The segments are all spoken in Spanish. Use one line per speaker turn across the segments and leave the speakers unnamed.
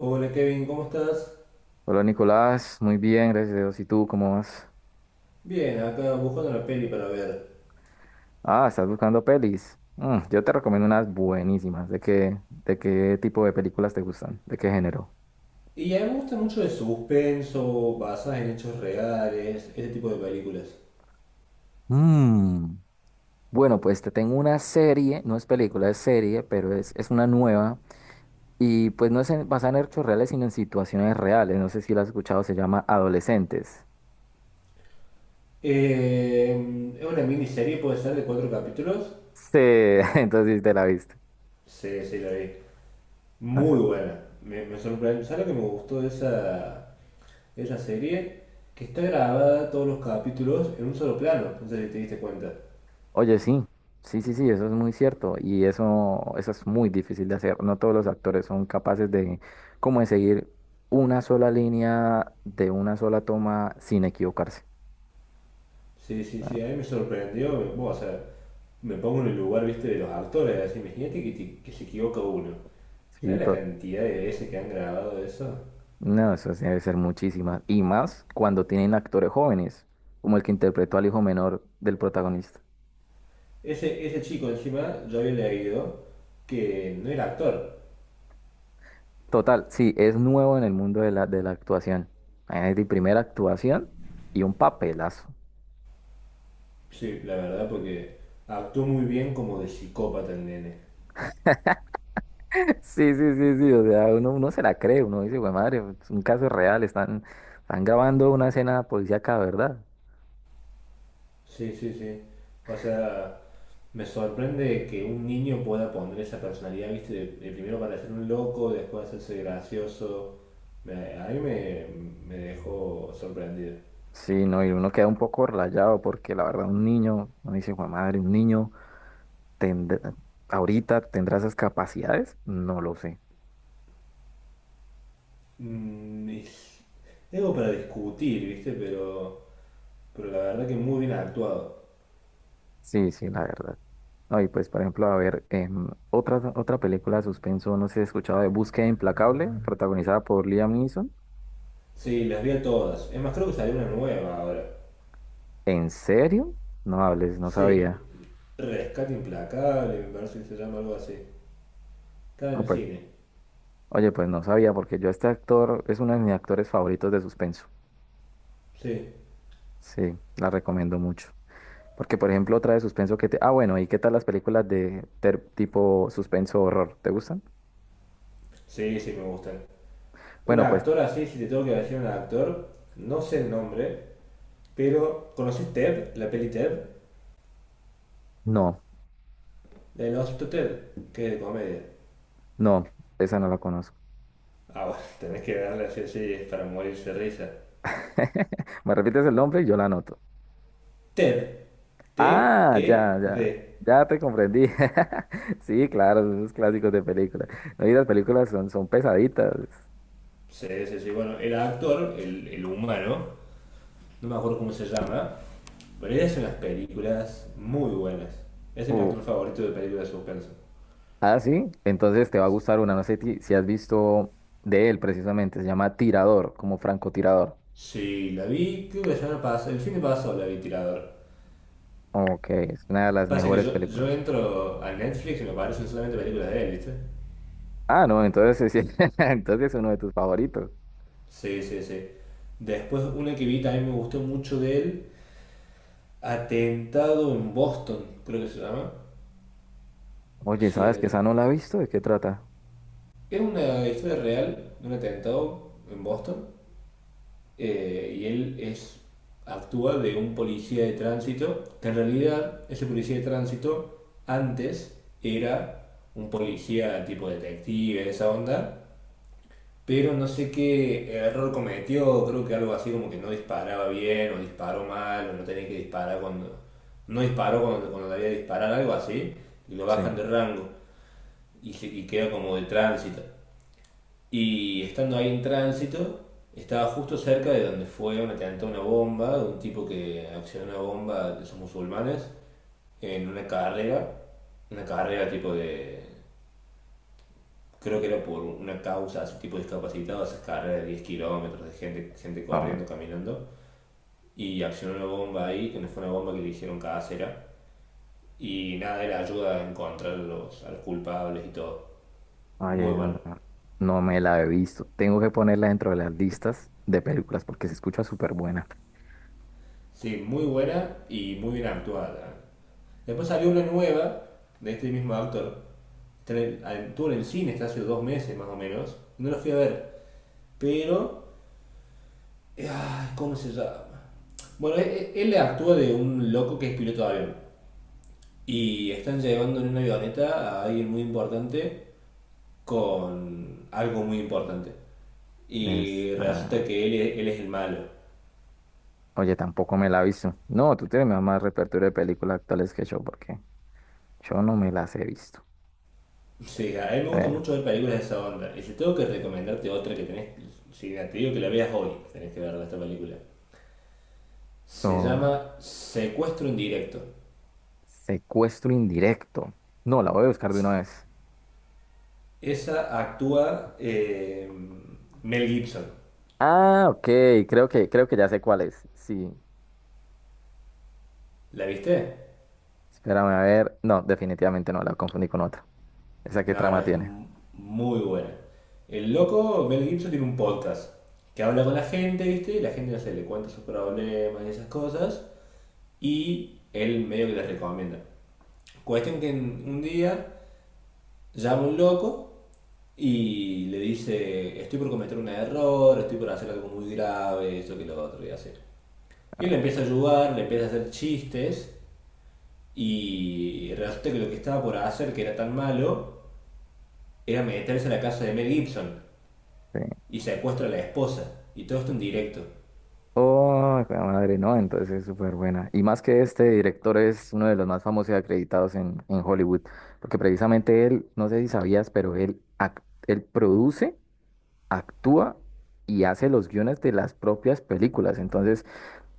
Hola Kevin, ¿cómo estás?
Hola Nicolás, muy bien, gracias a Dios. ¿Y tú cómo vas?
Bien, acá buscando una peli para ver.
Ah, estás buscando pelis. Mm, yo te recomiendo unas buenísimas. De qué tipo de películas te gustan? ¿De qué género?
Y a mí me gusta mucho de suspenso, basadas en hechos reales, ese tipo de películas.
Mm. Bueno, pues te tengo una serie, no es película, es serie, pero es una nueva. Y pues no es basada en hechos reales, sino en situaciones reales. No sé si la has escuchado, se llama Adolescentes.
Es una miniserie, puede ser, de cuatro capítulos.
Sí, entonces sí te la viste.
Sí, sí, la vi. Muy buena. Me sorprendió. ¿Sabes lo que me gustó de esa serie? Que está grabada todos los capítulos en un solo plano. No sé si te diste cuenta.
Oye, sí, sí, sí, sí, eso es muy cierto y eso es muy difícil de hacer. No todos los actores son capaces de, como de seguir una sola línea de una sola toma sin equivocarse.
Sí, sí, sí, a
Ah,
mí me sorprendió, bueno, o sea, me pongo en el lugar, viste, de los actores, así, imagínate que que se equivoca uno.
sí,
¿Sabes la cantidad de veces que han grabado eso?
no, eso sí debe ser muchísimas, y más cuando tienen actores jóvenes, como el que interpretó al hijo menor del protagonista.
Ese chico encima, yo había leído que no era actor.
Total, sí, es nuevo en el mundo de la actuación. Es mi primera actuación y un papelazo.
Sí, la verdad, porque actuó muy bien como de psicópata el nene.
Sí, sí, sí, sí, o sea, uno se la cree, uno dice, güey, madre, es un caso real, están grabando una escena policíaca, ¿verdad?
Sí, sí, sí. O sea, me sorprende que un niño pueda poner esa personalidad, ¿viste? De primero parecer un loco, después hacerse gracioso. A mí me dejó sorprendido.
Sí, no, y uno queda un poco rayado porque la verdad un niño, uno dice, güey, madre, un niño tendrá- ahorita tendrá esas capacidades, no lo sé.
Es algo para discutir, ¿viste? pero la verdad que muy bien actuado.
Sí, sí, la verdad. No, y pues, por ejemplo, a ver, otra película de suspenso, no sé si has escuchado de Búsqueda Implacable, protagonizada por Liam Neeson.
Sí, las vi a todas. Es más, creo que salió una nueva ahora.
¿En serio? No hables, no
Sí,
sabía.
Rescate Implacable, me parece que se llama algo así. Está en
No,
el
pues.
cine.
Oye, pues no sabía, porque yo este actor es uno de mis actores favoritos de suspenso.
Sí,
Sí, la recomiendo mucho. Porque, por ejemplo, otra de suspenso que te... Ah, bueno, ¿y qué tal las películas de tipo suspenso horror? ¿Te gustan?
sí, sí, me gustan. Un
Bueno, pues
actor así, si te tengo que decir un actor, no sé el nombre. Pero, ¿conoces Ted? La peli Ted,
no,
la del Hospital Ted, que es de comedia.
no, esa no la conozco.
Ah, bueno, tenés que darle así, sí, es para morirse de risa.
Me repites el nombre y yo la anoto.
Ted,
Ah, ya, ya,
Ted.
ya te comprendí. Sí, claro, esos clásicos de películas. No, y las películas son pesaditas.
Sí, sí, sí, bueno, era actor, el humano, no me acuerdo cómo se llama, pero él hace unas películas muy buenas. Ese es mi
Uh,
actor favorito de películas de suspenso.
Ah, sí, entonces te va a gustar una, no sé si has visto de él precisamente, se llama Tirador, como francotirador.
Sí, la vi, creo que la semana pasada, el fin de pasado la vi tirador.
Ok, es una de las
Pasa que
mejores
yo
películas.
entro a Netflix y me aparecen solamente películas de él, ¿viste?
Ah, no, entonces sí, entonces es uno de tus favoritos.
Sí, sí, sí. Después una que vi también me gustó mucho de él. Atentado en Boston, creo que se llama.
Oye,
Sí,
¿sabes que esa no
atentado.
la he visto? ¿De qué trata?
Es una historia real de un atentado en Boston, y él es actúa de un policía de tránsito, que en realidad ese policía de tránsito antes era un policía tipo detective, esa onda, pero no sé qué error cometió, creo que algo así como que no disparaba bien, o disparó mal, o no tenía que disparar cuando. No disparó cuando, cuando debía disparar, algo así, y lo
Sí.
bajan de rango, y, se- y queda como de tránsito. Y estando ahí en tránsito, estaba justo cerca de donde fue un atentado a una bomba, de un tipo que accionó una bomba de esos musulmanes, en una carrera tipo de, creo que era por una causa, su tipo de discapacitado, esas carreras de 10 kilómetros de gente, gente
Ah,
corriendo, caminando, y accionó una bomba ahí, que no fue una bomba que le dijeron casera, y nada, era ayuda a encontrar a los culpables y todo. Muy
oye,
buena.
no, no, no me la he visto. Tengo que ponerla dentro de las listas de películas porque se escucha súper buena.
Sí, muy buena y muy bien actuada. Después salió una nueva de este mismo actor. Estuvo en el cine hasta hace 2 meses más o menos. No la fui a ver. Pero ay, ¿cómo se llama? Bueno, él e- él actúa de un loco que es piloto de avión. Y están llevando en una avioneta a alguien muy importante con algo muy importante.
Es,
Y resulta
ah,
que él él es el malo.
oye, tampoco me la he visto. No, tú tienes más repertorio de películas actuales que yo porque yo no me las he visto.
Sí, a mí me gusta
Eh,
mucho ver películas de esa onda. Y si tengo que recomendarte otra que tenés, si te digo que la veas hoy, tenés que verla esta película. Se
No,
llama Secuestro en directo.
secuestro indirecto. No, la voy a buscar de una vez.
Esa actúa Mel Gibson.
Ah, ok, creo que ya sé cuál es. Sí,
¿La viste?
espérame a ver. No, definitivamente no, la confundí con otra. ¿Esa qué
No, no,
trama
es
tiene?
muy buena. El loco, Mel Gibson, tiene un podcast que habla con la gente, ¿viste? Y la gente, no sé, le cuenta sus problemas y esas cosas. Y él medio que les recomienda. Cuestión que un día llama un loco y le dice, estoy por cometer un error, estoy por hacer algo muy grave, esto que lo otro voy a hacer. Y él le empieza a
Ok,
ayudar, le empieza a hacer chistes y resulta que lo que estaba por hacer, que era tan malo, era meterse a la casa de Mel Gibson.
sí.
Y secuestra a la esposa. Y todo esto en directo.
Oh, jue de madre, no, entonces es súper buena. Y más que este director es uno de los más famosos y acreditados en Hollywood, porque precisamente él, no sé si sabías, pero él produce, actúa y hace los guiones de las propias películas. Entonces,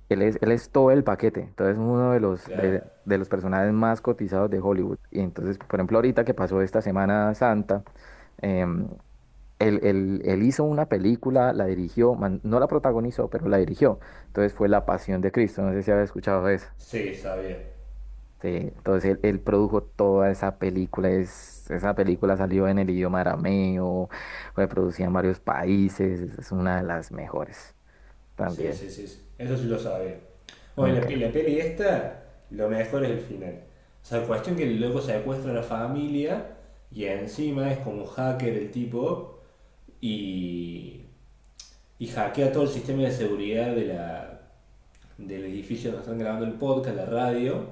él es, él es todo el paquete, entonces uno de
Claro.
de los personajes más cotizados de Hollywood. Y entonces, por ejemplo, ahorita que pasó esta Semana Santa, em, él, él hizo una película, la dirigió, no la protagonizó, pero la dirigió. Entonces fue La Pasión de Cristo, no sé si había escuchado eso.
Sí, sabía.
Sí, entonces él produjo toda esa película, es, esa película salió en el idioma arameo, fue producida en varios países, es una de las mejores
Sí,
también.
sí, sí, sí. Eso sí lo sabía. Bueno, la,
Okay.
pe- la peli esta, lo mejor es el final. O sea, cuestión que luego secuestra a la familia y encima es como hacker el tipo, y, y hackea todo el sistema de seguridad de del edificio donde están grabando el podcast, la radio,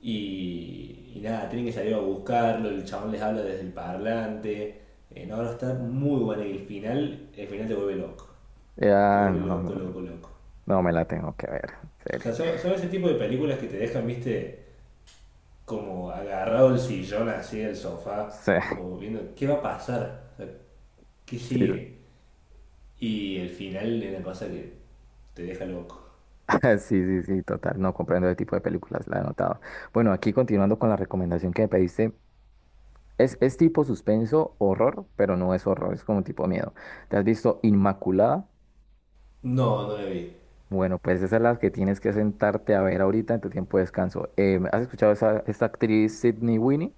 y nada, tienen que salir a buscarlo, el chabón les habla desde el parlante. No, no, está muy bueno y el final te
Ya,
vuelve
no, no.
loco, loco, loco.
No, me la tengo que ver, en
O sea,
serio.
son, son ese tipo de películas que te dejan, viste, como agarrado el sillón así el sofá,
Sí,
como viendo qué va a pasar. O sea, qué
sí,
sigue. Y el final es una cosa que te deja loco.
sí, sí, sí, total. No comprendo ese tipo de películas, la he notado. Bueno, aquí continuando con la recomendación que me pediste, es tipo suspenso, horror, pero no es horror, es como tipo miedo. ¿Te has visto Inmaculada?
No, no la vi.
Bueno, pues esa es la que tienes que sentarte a ver ahorita en tu tiempo de descanso. ¿Has escuchado esa, esta actriz Sydney Sweeney?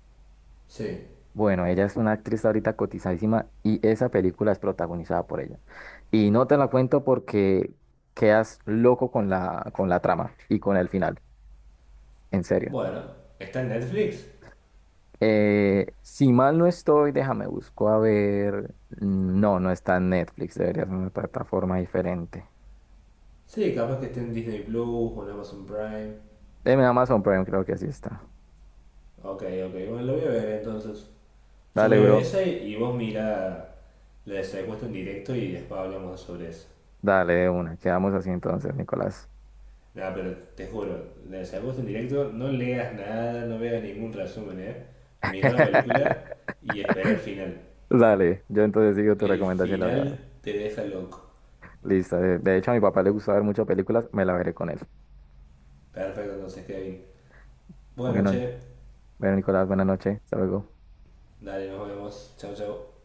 Sí.
Bueno, ella es una actriz ahorita cotizadísima y esa película es protagonizada por ella. Y no te la cuento porque quedas loco con la trama y con el final, en serio.
Bueno, está en Netflix.
Si mal no estoy, déjame busco a ver. No, no está en Netflix, debería ser una plataforma diferente.
Sí, capaz que esté en Disney Plus o en Amazon Prime.
En Amazon Prime creo que sí está.
Ok, ok, bueno, lo voy a ver entonces. Yo
Dale,
veo
bro.
esa y vos mira la de Secuestro en directo y después hablamos sobre eso.
Dale, de una. Quedamos así entonces, Nicolás.
Nada, pero te juro, la de Secuestro en directo, no leas nada, no veas ningún resumen, ¿eh? Mira la película y espera el final.
Dale, yo entonces sigo tu
El
recomendación y la voy a ver.
final te deja loco.
Listo. De hecho, a mi papá le gusta ver muchas películas, me la veré con él.
Perfecto, entonces, Kevin. Buenas
Bueno,
noches,
bueno, Nicolás, buenas noches. Hasta luego.
dale, nos vemos. Chao, chao.